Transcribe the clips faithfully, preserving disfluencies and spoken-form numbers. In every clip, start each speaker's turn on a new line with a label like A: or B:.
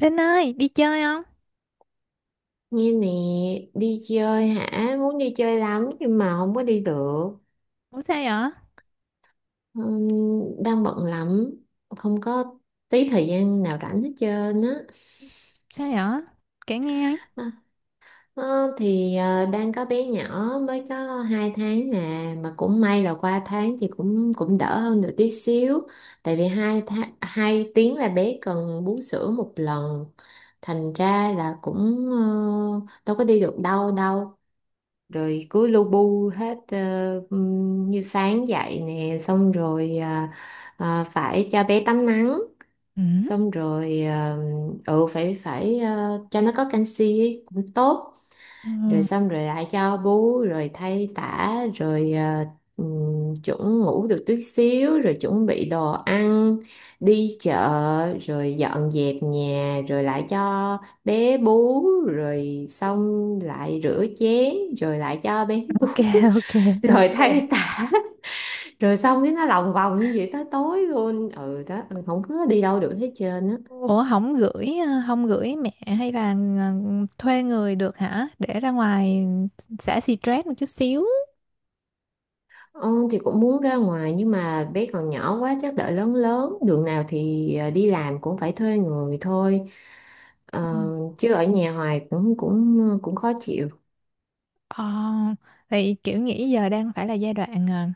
A: Linh ơi, đi chơi không?
B: Nghe nè, đi chơi hả? Muốn đi chơi lắm nhưng mà không có đi được.
A: Ủa sao vậy?
B: Ừm, đang bận lắm, không có tí thời gian nào rảnh hết trơn á.
A: Sao vậy? Kể nghe ấy.
B: À, ờ, thì ờ, đang có bé nhỏ mới có hai tháng nè, mà cũng may là qua tháng thì cũng cũng đỡ hơn được tí xíu. Tại vì hai tháng, hai tiếng là bé cần bú sữa một lần. Thành ra là cũng ờ, đâu có đi được đâu đâu rồi cứ lu bu hết ờ, ừm, như sáng dậy nè xong rồi à, à, phải cho bé tắm nắng
A: Ừ.
B: xong rồi ờ, ừ phải phải ờ, cho nó có canxi ấy, cũng tốt
A: Ừ.
B: rồi xong rồi lại cho bú rồi thay tã rồi ờ, ừm, chuẩn ngủ được tí xíu rồi chuẩn bị đồ ăn đi chợ rồi dọn dẹp nhà rồi lại cho bé bú rồi xong lại rửa chén rồi lại cho bé bú
A: Ok, ok,
B: rồi
A: ok.
B: thay tã rồi xong cái nó lòng vòng như vậy tới tối luôn, ừ đó, ừ, không có đi đâu được hết trơn á.
A: Ủa không gửi ờ, không gửi mẹ hay là ờ, thuê người được hả? Để ra ngoài xả stress một chút xíu.
B: Ừ, thì cũng muốn ra ngoài nhưng mà bé còn nhỏ quá, chắc đợi lớn lớn đường nào thì ờ, đi làm cũng phải thuê người thôi.
A: Ừ.
B: Ờ, chứ ở nhà hoài cũng cũng ờ, cũng khó chịu.
A: Ờ, thì kiểu nghĩ giờ đang phải là giai đoạn ờ,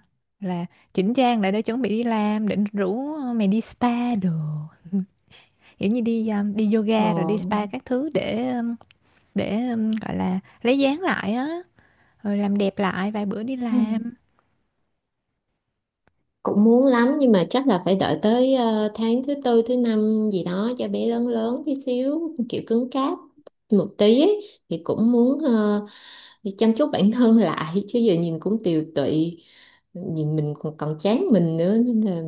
A: là chỉnh trang lại để chuẩn bị đi làm, định rủ mày đi spa đồ. Kiểu như đi ờ, đi
B: Ờ,
A: yoga rồi đi spa các thứ để ờ, để ờ, gọi là lấy dáng lại á, rồi làm đẹp lại vài bữa đi
B: ừ,
A: làm.
B: cũng muốn lắm nhưng mà chắc là phải đợi tới ờ, tháng thứ tư thứ năm gì đó cho bé lớn lớn tí xíu kiểu cứng cáp một tí ấy, thì cũng muốn ờ, chăm chút bản thân lại chứ giờ nhìn cũng tiều tụy, nhìn mình còn, còn chán mình nữa nên là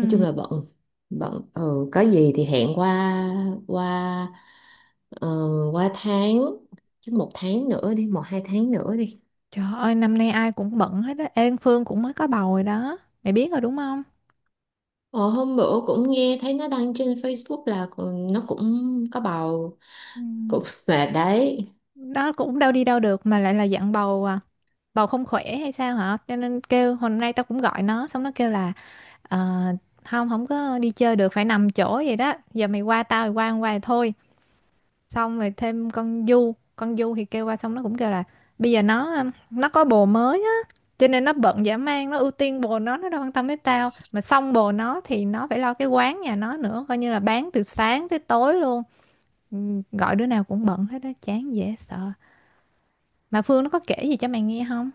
B: nói chung là bận, bận, ừ, có gì thì hẹn qua qua ờ, qua tháng, chứ một tháng nữa đi, một hai tháng nữa đi.
A: Trời ơi, năm nay ai cũng bận hết á. Ê, Phương cũng mới có bầu rồi đó, mày biết rồi đúng không?
B: ờ, Hôm bữa cũng nghe thấy nó đăng trên Facebook là còn- nó cũng có bầu
A: Ừ.
B: cũng mà đấy.
A: Đó cũng đâu đi đâu được mà lại là dặn bầu à, bầu không khỏe hay sao hả? Cho nên kêu hôm nay tao cũng gọi nó, xong nó kêu là "Ờ, không, không có đi chơi được, phải nằm chỗ vậy đó, giờ mày qua tao, mày qua không qua thì thôi." Xong rồi thêm con Du, con Du thì kêu qua, xong nó cũng kêu là bây giờ nó um, nó có bồ mới á, cho nên nó bận dã man, nó ưu tiên bồ nó nó đâu quan tâm đến tao. Mà xong bồ nó thì nó phải lo cái quán nhà nó nữa, coi như là bán từ sáng tới tối luôn. Ừ, gọi đứa nào cũng bận hết đó, chán dễ sợ. Mà Phương nó có kể gì cho mày nghe không?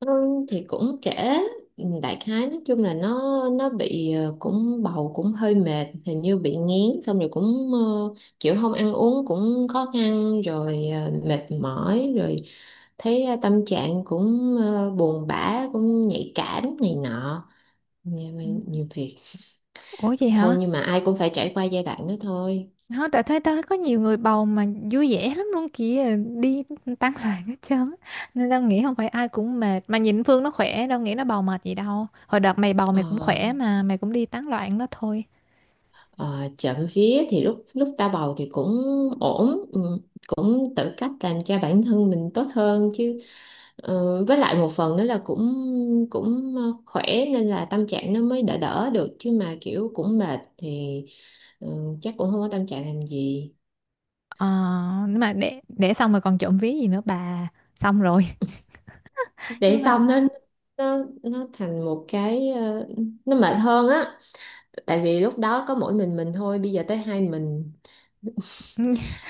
B: Ừ, thì cũng kể, ừ, đại khái nói chung là nó nó bị ờ, cũng bầu cũng hơi mệt, hình như bị nghén, xong rồi cũng ờ, kiểu không ăn uống cũng khó khăn, rồi ờ, mệt mỏi, rồi thấy ờ, tâm trạng cũng ờ, buồn bã, cũng nhạy cảm này nọ nhiều,
A: Ừ.
B: nhiều việc
A: Ủa gì
B: thôi,
A: hả?
B: nhưng mà ai cũng phải trải qua giai đoạn đó thôi.
A: Nó tại thấy tao có nhiều người bầu mà vui vẻ lắm luôn kìa, đi tán loạn hết trơn á. Nên tao nghĩ không phải ai cũng mệt, mà nhìn Phương nó khỏe đâu, nghĩ nó bầu mệt gì đâu. Hồi đợt mày bầu, mày cũng
B: ờ,
A: khỏe mà, mày cũng đi tán loạn đó thôi.
B: ờ, Trộm vía thì lúc lúc ta bầu thì cũng ổn, ừ, cũng tự cách làm cho bản thân mình tốt hơn chứ. Ờ, với lại một phần nữa là cũng cũng ờ, khỏe nên là tâm trạng nó mới đỡ đỡ được, chứ mà kiểu cũng mệt thì ừ, chắc cũng không có tâm trạng làm gì
A: ờ nhưng mà để để xong rồi còn trộm ví gì nữa bà, xong rồi nhưng
B: để
A: mà
B: xong nó nó nó thành một cái ờ, nó mệt hơn á, tại vì lúc đó có mỗi mình mình thôi, bây giờ tới hai mình,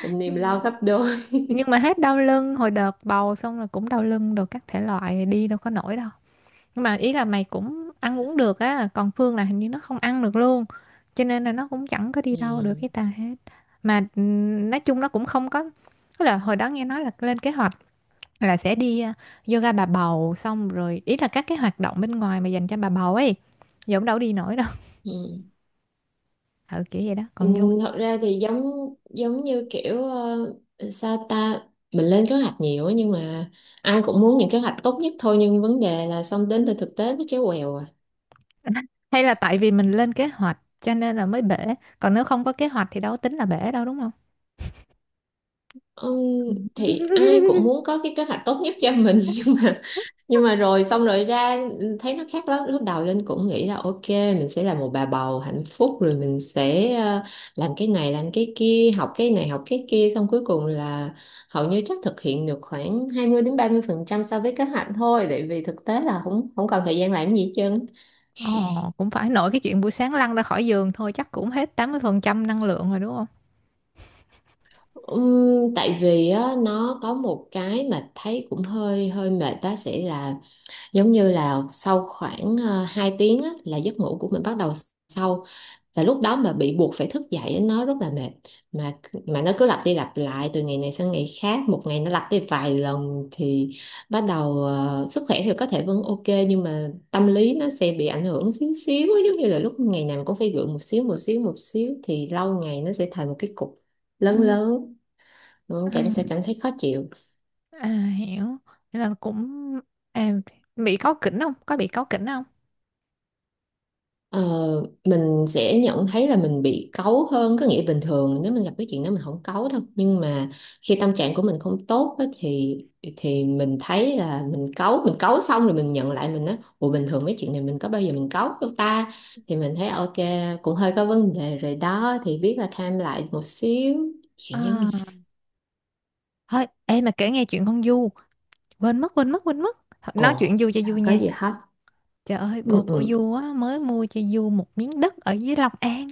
B: niềm lo gấp đôi.
A: nhưng mà hết đau lưng, hồi đợt bầu xong rồi cũng đau lưng đồ các thể loại, đi đâu có nổi đâu. Nhưng mà ý là mày cũng ăn uống được á, còn Phương là hình như nó không ăn được luôn, cho nên là nó cũng chẳng có đi
B: Ừ.
A: đâu được cái tà hết. Mà ừm, nói chung nó cũng không có, tức là hồi đó nghe nói là lên kế hoạch là sẽ đi à, yoga bà bầu, xong rồi ý là các cái hoạt động bên ngoài mà dành cho bà bầu ấy, giờ cũng đâu đi nổi đâu.
B: Ừ.
A: Ừ, kiểu vậy đó
B: Ừ,
A: còn vui.
B: thật ra thì giống giống như kiểu ờ, sao ta, mình lên kế hoạch nhiều á, nhưng mà ai cũng muốn những kế hoạch tốt nhất thôi, nhưng vấn đề là xong đến từ thực tế nó chéo quèo à.
A: Hay là tại vì mình lên kế hoạch cho nên là mới bể, còn nếu không có kế hoạch thì đâu có tính là bể đâu đúng không?
B: Ừm, thì ai cũng muốn có cái kế hoạch tốt nhất cho mình, nhưng mà nhưng mà rồi xong rồi ra, ừ, thấy nó khác lắm. Lúc đầu Linh cũng nghĩ là ok mình sẽ là một bà bầu hạnh phúc, rồi mình sẽ ờ, làm cái này làm cái kia, học cái này học cái kia, xong cuối cùng là hầu như chắc thực hiện được khoảng hai mươi đến ba mươi phần trăm so với kế hoạch thôi, tại vì thực tế là không không còn thời gian làm gì hết trơn.
A: Ồ, cũng phải, nội cái chuyện buổi sáng lăn ra khỏi giường thôi chắc cũng hết tám mươi phần trăm năng lượng rồi đúng không?
B: Ừm, tại vì á, nó có một cái mà thấy cũng hơi hơi mệt đó sẽ là, giống như là sau khoảng uh, hai tiếng á, là giấc ngủ của mình bắt đầu sâu, và lúc đó mà bị buộc phải thức dậy nó rất là mệt, mà mà nó cứ lặp đi lặp lại từ ngày này sang ngày khác, một ngày nó lặp đi vài lần thì bắt đầu ờ, sức khỏe thì có thể vẫn ok nhưng mà tâm lý nó sẽ bị ảnh hưởng xíu xíu á, giống như là lúc ngày nào cũng phải gượng một xíu một xíu một xíu thì lâu ngày nó sẽ thành một cái cục lớn
A: Ừ.
B: lớn. Ừ,
A: À,
B: cảm sẽ cảm thấy khó chịu.
A: à hiểu. Thế là cũng à, bị cáu kỉnh không? Có bị cáu kỉnh không?
B: Ờ, mình sẽ nhận thấy là mình bị cáu hơn, có nghĩa bình thường nếu mình gặp cái chuyện đó mình không cáu đâu, nhưng mà khi tâm trạng của mình không tốt á, thì thì mình thấy là mình cáu, mình cáu xong rồi mình nhận lại mình á, ủa bình thường mấy chuyện này mình có bao giờ mình cáu đâu ta, thì mình thấy ok, cũng hơi có vấn đề rồi đó thì biết là calm lại một xíu chuyện giống như.
A: À, thôi em mà kể nghe chuyện con Du, quên mất, quên mất, quên mất. Thôi, nói
B: Ồ,
A: chuyện Du cho
B: đâu
A: vui
B: có
A: nha.
B: gì hết.
A: Trời ơi, bồ
B: Ừ,
A: của
B: ừ,
A: Du á mới mua cho Du một miếng đất ở dưới Long An.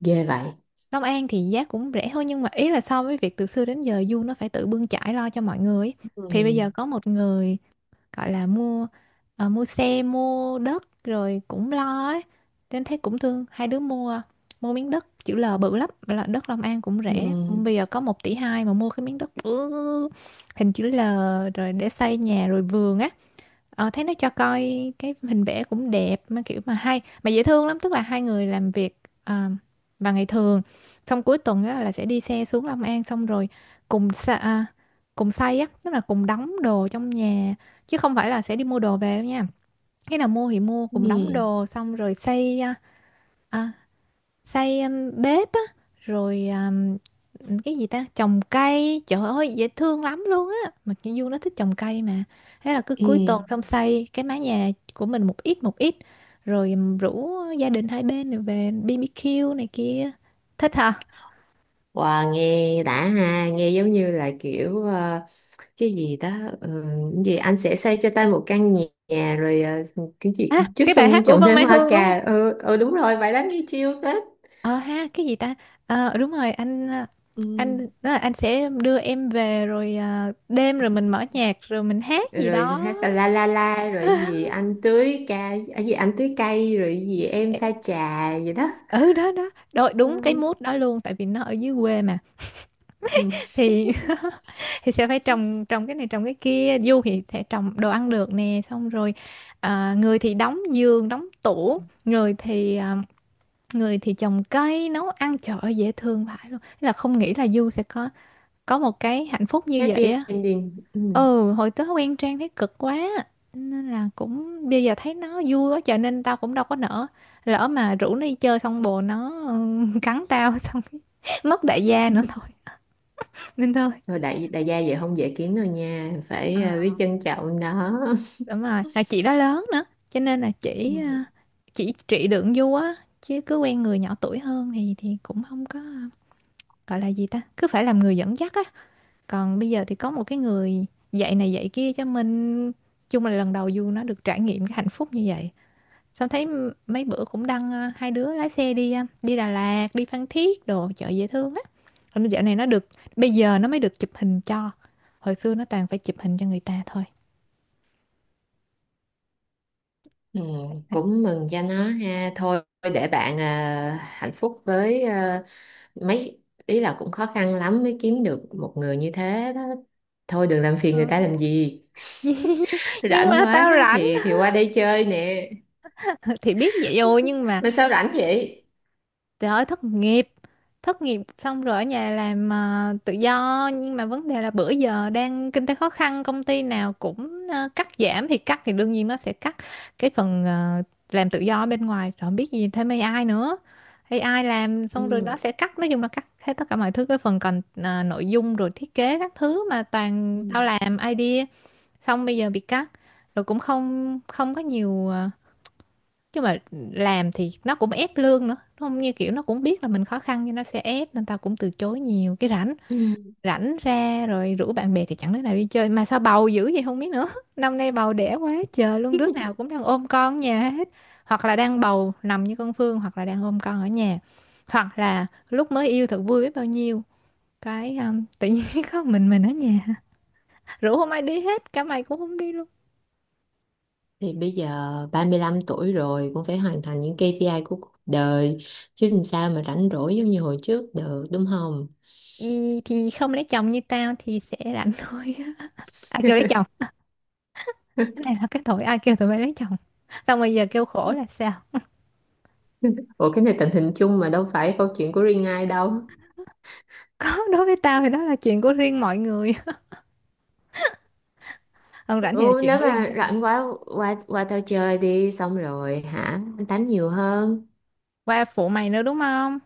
B: ghê vậy.
A: Long An thì giá cũng rẻ hơn, nhưng mà ý là so với việc từ xưa đến giờ Du nó phải tự bươn chải lo cho mọi người ấy. Thì bây
B: Ừ,
A: giờ có một người gọi là mua ờ, mua xe mua đất rồi cũng lo ấy, nên thấy cũng thương, hai đứa mua mua miếng đất chữ L bự lắm, là đất Long An cũng rẻ,
B: ừ,
A: bây giờ có một tỷ hai mà mua cái miếng đất bự hình chữ L, rồi để xây nhà rồi vườn á. Ờ, thấy nó cho coi cái hình vẽ cũng đẹp, mà kiểu mà hay mà dễ thương lắm, tức là hai người làm việc ờ, vào ngày thường, xong cuối tuần á, là sẽ đi xe xuống Long An, xong rồi cùng sa, à, cùng xay á, tức là cùng đóng đồ trong nhà, chứ không phải là sẽ đi mua đồ về đâu nha, cái nào mua thì mua,
B: ừ,
A: cùng đóng
B: ừ.
A: đồ xong rồi xây à, à, xây um, bếp á, rồi um, cái gì ta, trồng cây, trời ơi dễ thương lắm luôn á, mà cái Du nó thích trồng cây mà. Thế là cứ
B: Ừ.
A: cuối tuần xong xây cái mái nhà của mình một ít một ít, rồi um, rủ gia đình hai bên này về bê bê quy này kia, thích hả.
B: Wow, nghe đã ha, nghe giống như là kiểu ờ, cái gì đó, ờ, cái gì anh sẽ xây cho tôi một căn nhà, nhà, rồi ờ, cái gì
A: À,
B: trước
A: cái bài
B: sân
A: hát của
B: trồng
A: Vân
B: thêm
A: Mai
B: hoa
A: Hương đúng không?
B: cà. Ừ, ừ đúng rồi, bài đó nghe chill tết.
A: Ờ ha, cái gì ta? Ờ đúng rồi, anh ờ,
B: Ừ.
A: anh đó là anh sẽ đưa em về, rồi ờ, đêm rồi mình mở nhạc rồi mình hát gì
B: Rồi
A: đó.
B: hát là la la la rồi gì anh tưới cây, à, gì anh tưới cây rồi gì em
A: Ê,
B: pha trà gì đó.
A: ừ đó đó, đôi, đúng cái
B: Ừ.
A: mood đó luôn tại vì nó ở dưới quê mà.
B: Ừ,
A: Thì thì sẽ phải trồng trồng cái này trồng cái kia, du thì sẽ trồng đồ ăn được nè, xong rồi ờ, người thì đóng giường, đóng tủ, người thì ờ, người thì trồng cây, nấu ăn, trời ơi dễ thương vãi luôn. Thế là không nghĩ là Du sẽ có có một cái hạnh phúc như vậy
B: happy
A: á.
B: ending. Ừ.
A: Ừ, hồi tớ quen Trang thấy cực quá, nên là cũng bây giờ thấy nó vui quá cho nên tao cũng đâu có nỡ, lỡ mà rủ nó đi chơi xong bồ nó ừ, cắn tao xong cái mất đại gia nữa thôi, nên thôi.
B: Rồi đại đại gia vậy không dễ kiếm đâu nha, phải ờ,
A: Ờ,
B: biết trân trọng nó.
A: đúng rồi, à, chị đó lớn nữa, cho nên là
B: Ừ.
A: chỉ ờ, chỉ trị đường du á, chứ cứ quen người nhỏ tuổi hơn thì thì cũng không có, ờ, gọi là gì ta, cứ phải làm người dẫn dắt á. Còn bây giờ thì có một cái người dạy này dạy kia cho mình, chung là lần đầu Du nó được trải nghiệm cái hạnh phúc như vậy. Sao thấy m- mấy bữa cũng đăng ờ, hai đứa lái xe đi ờ, đi Đà Lạt, đi Phan Thiết đồ chợ dễ thương á. Còn dạo này nó được bây giờ nó mới được chụp hình cho. Hồi xưa nó toàn phải chụp hình cho người ta thôi.
B: Ừ, cũng mừng cho nó ha, thôi để bạn à, hạnh phúc với à, mấy, ý là cũng khó khăn lắm mới kiếm được một người như thế đó, thôi đừng làm phiền
A: Ừ.
B: người ta làm gì.
A: Nhưng
B: Rảnh
A: mà
B: quá
A: tao rảnh.
B: thì thì qua đây chơi nè,
A: Thì biết vậy rồi nhưng mà
B: mà sao rảnh vậy.
A: trời ơi, thất nghiệp. Thất nghiệp xong rồi ở nhà làm à, tự do. Nhưng mà vấn đề là bữa giờ đang kinh tế khó khăn, công ty nào cũng à, cắt giảm, thì cắt thì đương nhiên nó sẽ cắt cái phần à, làm tự do ở bên ngoài, rồi không biết gì thêm a i nữa, a i làm xong rồi
B: Ừ.
A: nó sẽ cắt. Nói chung là cắt hết tất cả mọi thứ, cái phần còn à, nội dung rồi thiết kế các thứ, mà toàn tao
B: Ừ.
A: làm idea, xong bây giờ bị cắt, rồi cũng không không có nhiều, à, chứ mà làm thì nó cũng ép lương nữa, không như kiểu nó cũng biết là mình khó khăn nhưng nó sẽ ép, nên tao cũng từ chối nhiều cái. Rảnh,
B: Ừ.
A: rảnh ra rồi rủ bạn bè thì chẳng đứa nào đi chơi, mà sao bầu dữ vậy không biết nữa. Năm nay bầu đẻ quá trời luôn, đứa nào cũng đang ôm con ở nhà hết, hoặc là đang bầu nằm như con Phương, hoặc là đang ôm con ở nhà, hoặc là lúc mới yêu thật vui biết bao nhiêu, cái um, tự nhiên có mình mình ở nhà, rủ không ai đi hết, cả mày cũng không đi luôn.
B: Thì bây giờ ba mươi lăm tuổi rồi cũng phải hoàn thành những kây pi ai của cuộc đời, chứ làm sao mà rảnh rỗi giống như hồi trước được, đúng không?
A: Gì thì không lấy chồng như tao thì sẽ rảnh thôi. À kêu lấy chồng, cái này là cái tội, ai kêu tụi bay lấy chồng xong bây giờ kêu khổ là sao?
B: Ủa cái này tình hình chung mà, đâu phải câu chuyện của riêng ai đâu.
A: Có, đối với tao thì đó là chuyện của riêng mọi người, hơn rảnh thì là
B: Ừ,
A: chuyện
B: nếu
A: của riêng
B: mà
A: tao,
B: rảnh quá qua qua tao chơi đi, xong rồi hả, anh tám nhiều hơn.
A: qua phụ mày nữa đúng không?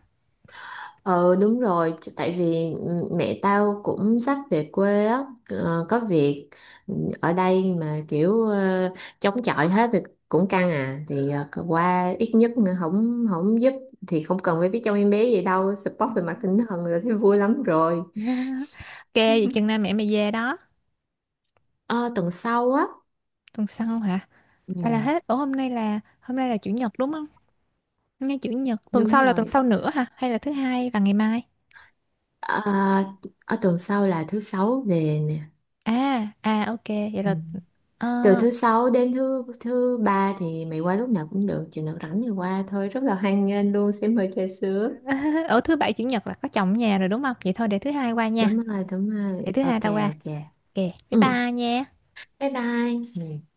B: ờ Đúng rồi, ch- tại vì ừ, mẹ tao cũng sắp về quê á, ờ, có việc, ừ, ở đây mà kiểu ờ, chống chọi hết thì cũng căng à, thì ờ, cứ qua ít nhất nữa không không giúp thì không cần phải biết trong em bé gì đâu, support
A: Ừ.
B: về mặt tinh thần là thấy vui lắm rồi.
A: Ok, vậy chừng nào mẹ mày về đó,
B: ờ, Tuần sau á.
A: tuần sau hả,
B: Ừ,
A: hay là hết ủa, hôm nay là hôm nay là chủ nhật đúng không? Hôm nay chủ nhật, tuần
B: đúng
A: sau là tuần sau
B: rồi.
A: nữa hả, hay là thứ hai và ngày mai?
B: Ờ, ở tuần sau là thứ sáu về nè.
A: À à ok vậy
B: Ừ.
A: là ờ.
B: Từ thứ sáu đến thứ thứ ba thì mày qua lúc nào cũng được, chừng nào rảnh thì qua thôi, rất là hoan nghênh luôn, sẽ mời trà sữa.
A: Ở thứ bảy chủ nhật là có chồng ở nhà rồi đúng không, vậy thôi để thứ hai qua nha,
B: Đúng rồi, đúng
A: để
B: rồi.
A: thứ hai
B: Ok,
A: tao qua,
B: ok.
A: ok, bye
B: Ừ.
A: bye nha.
B: Bye bye. Ừ.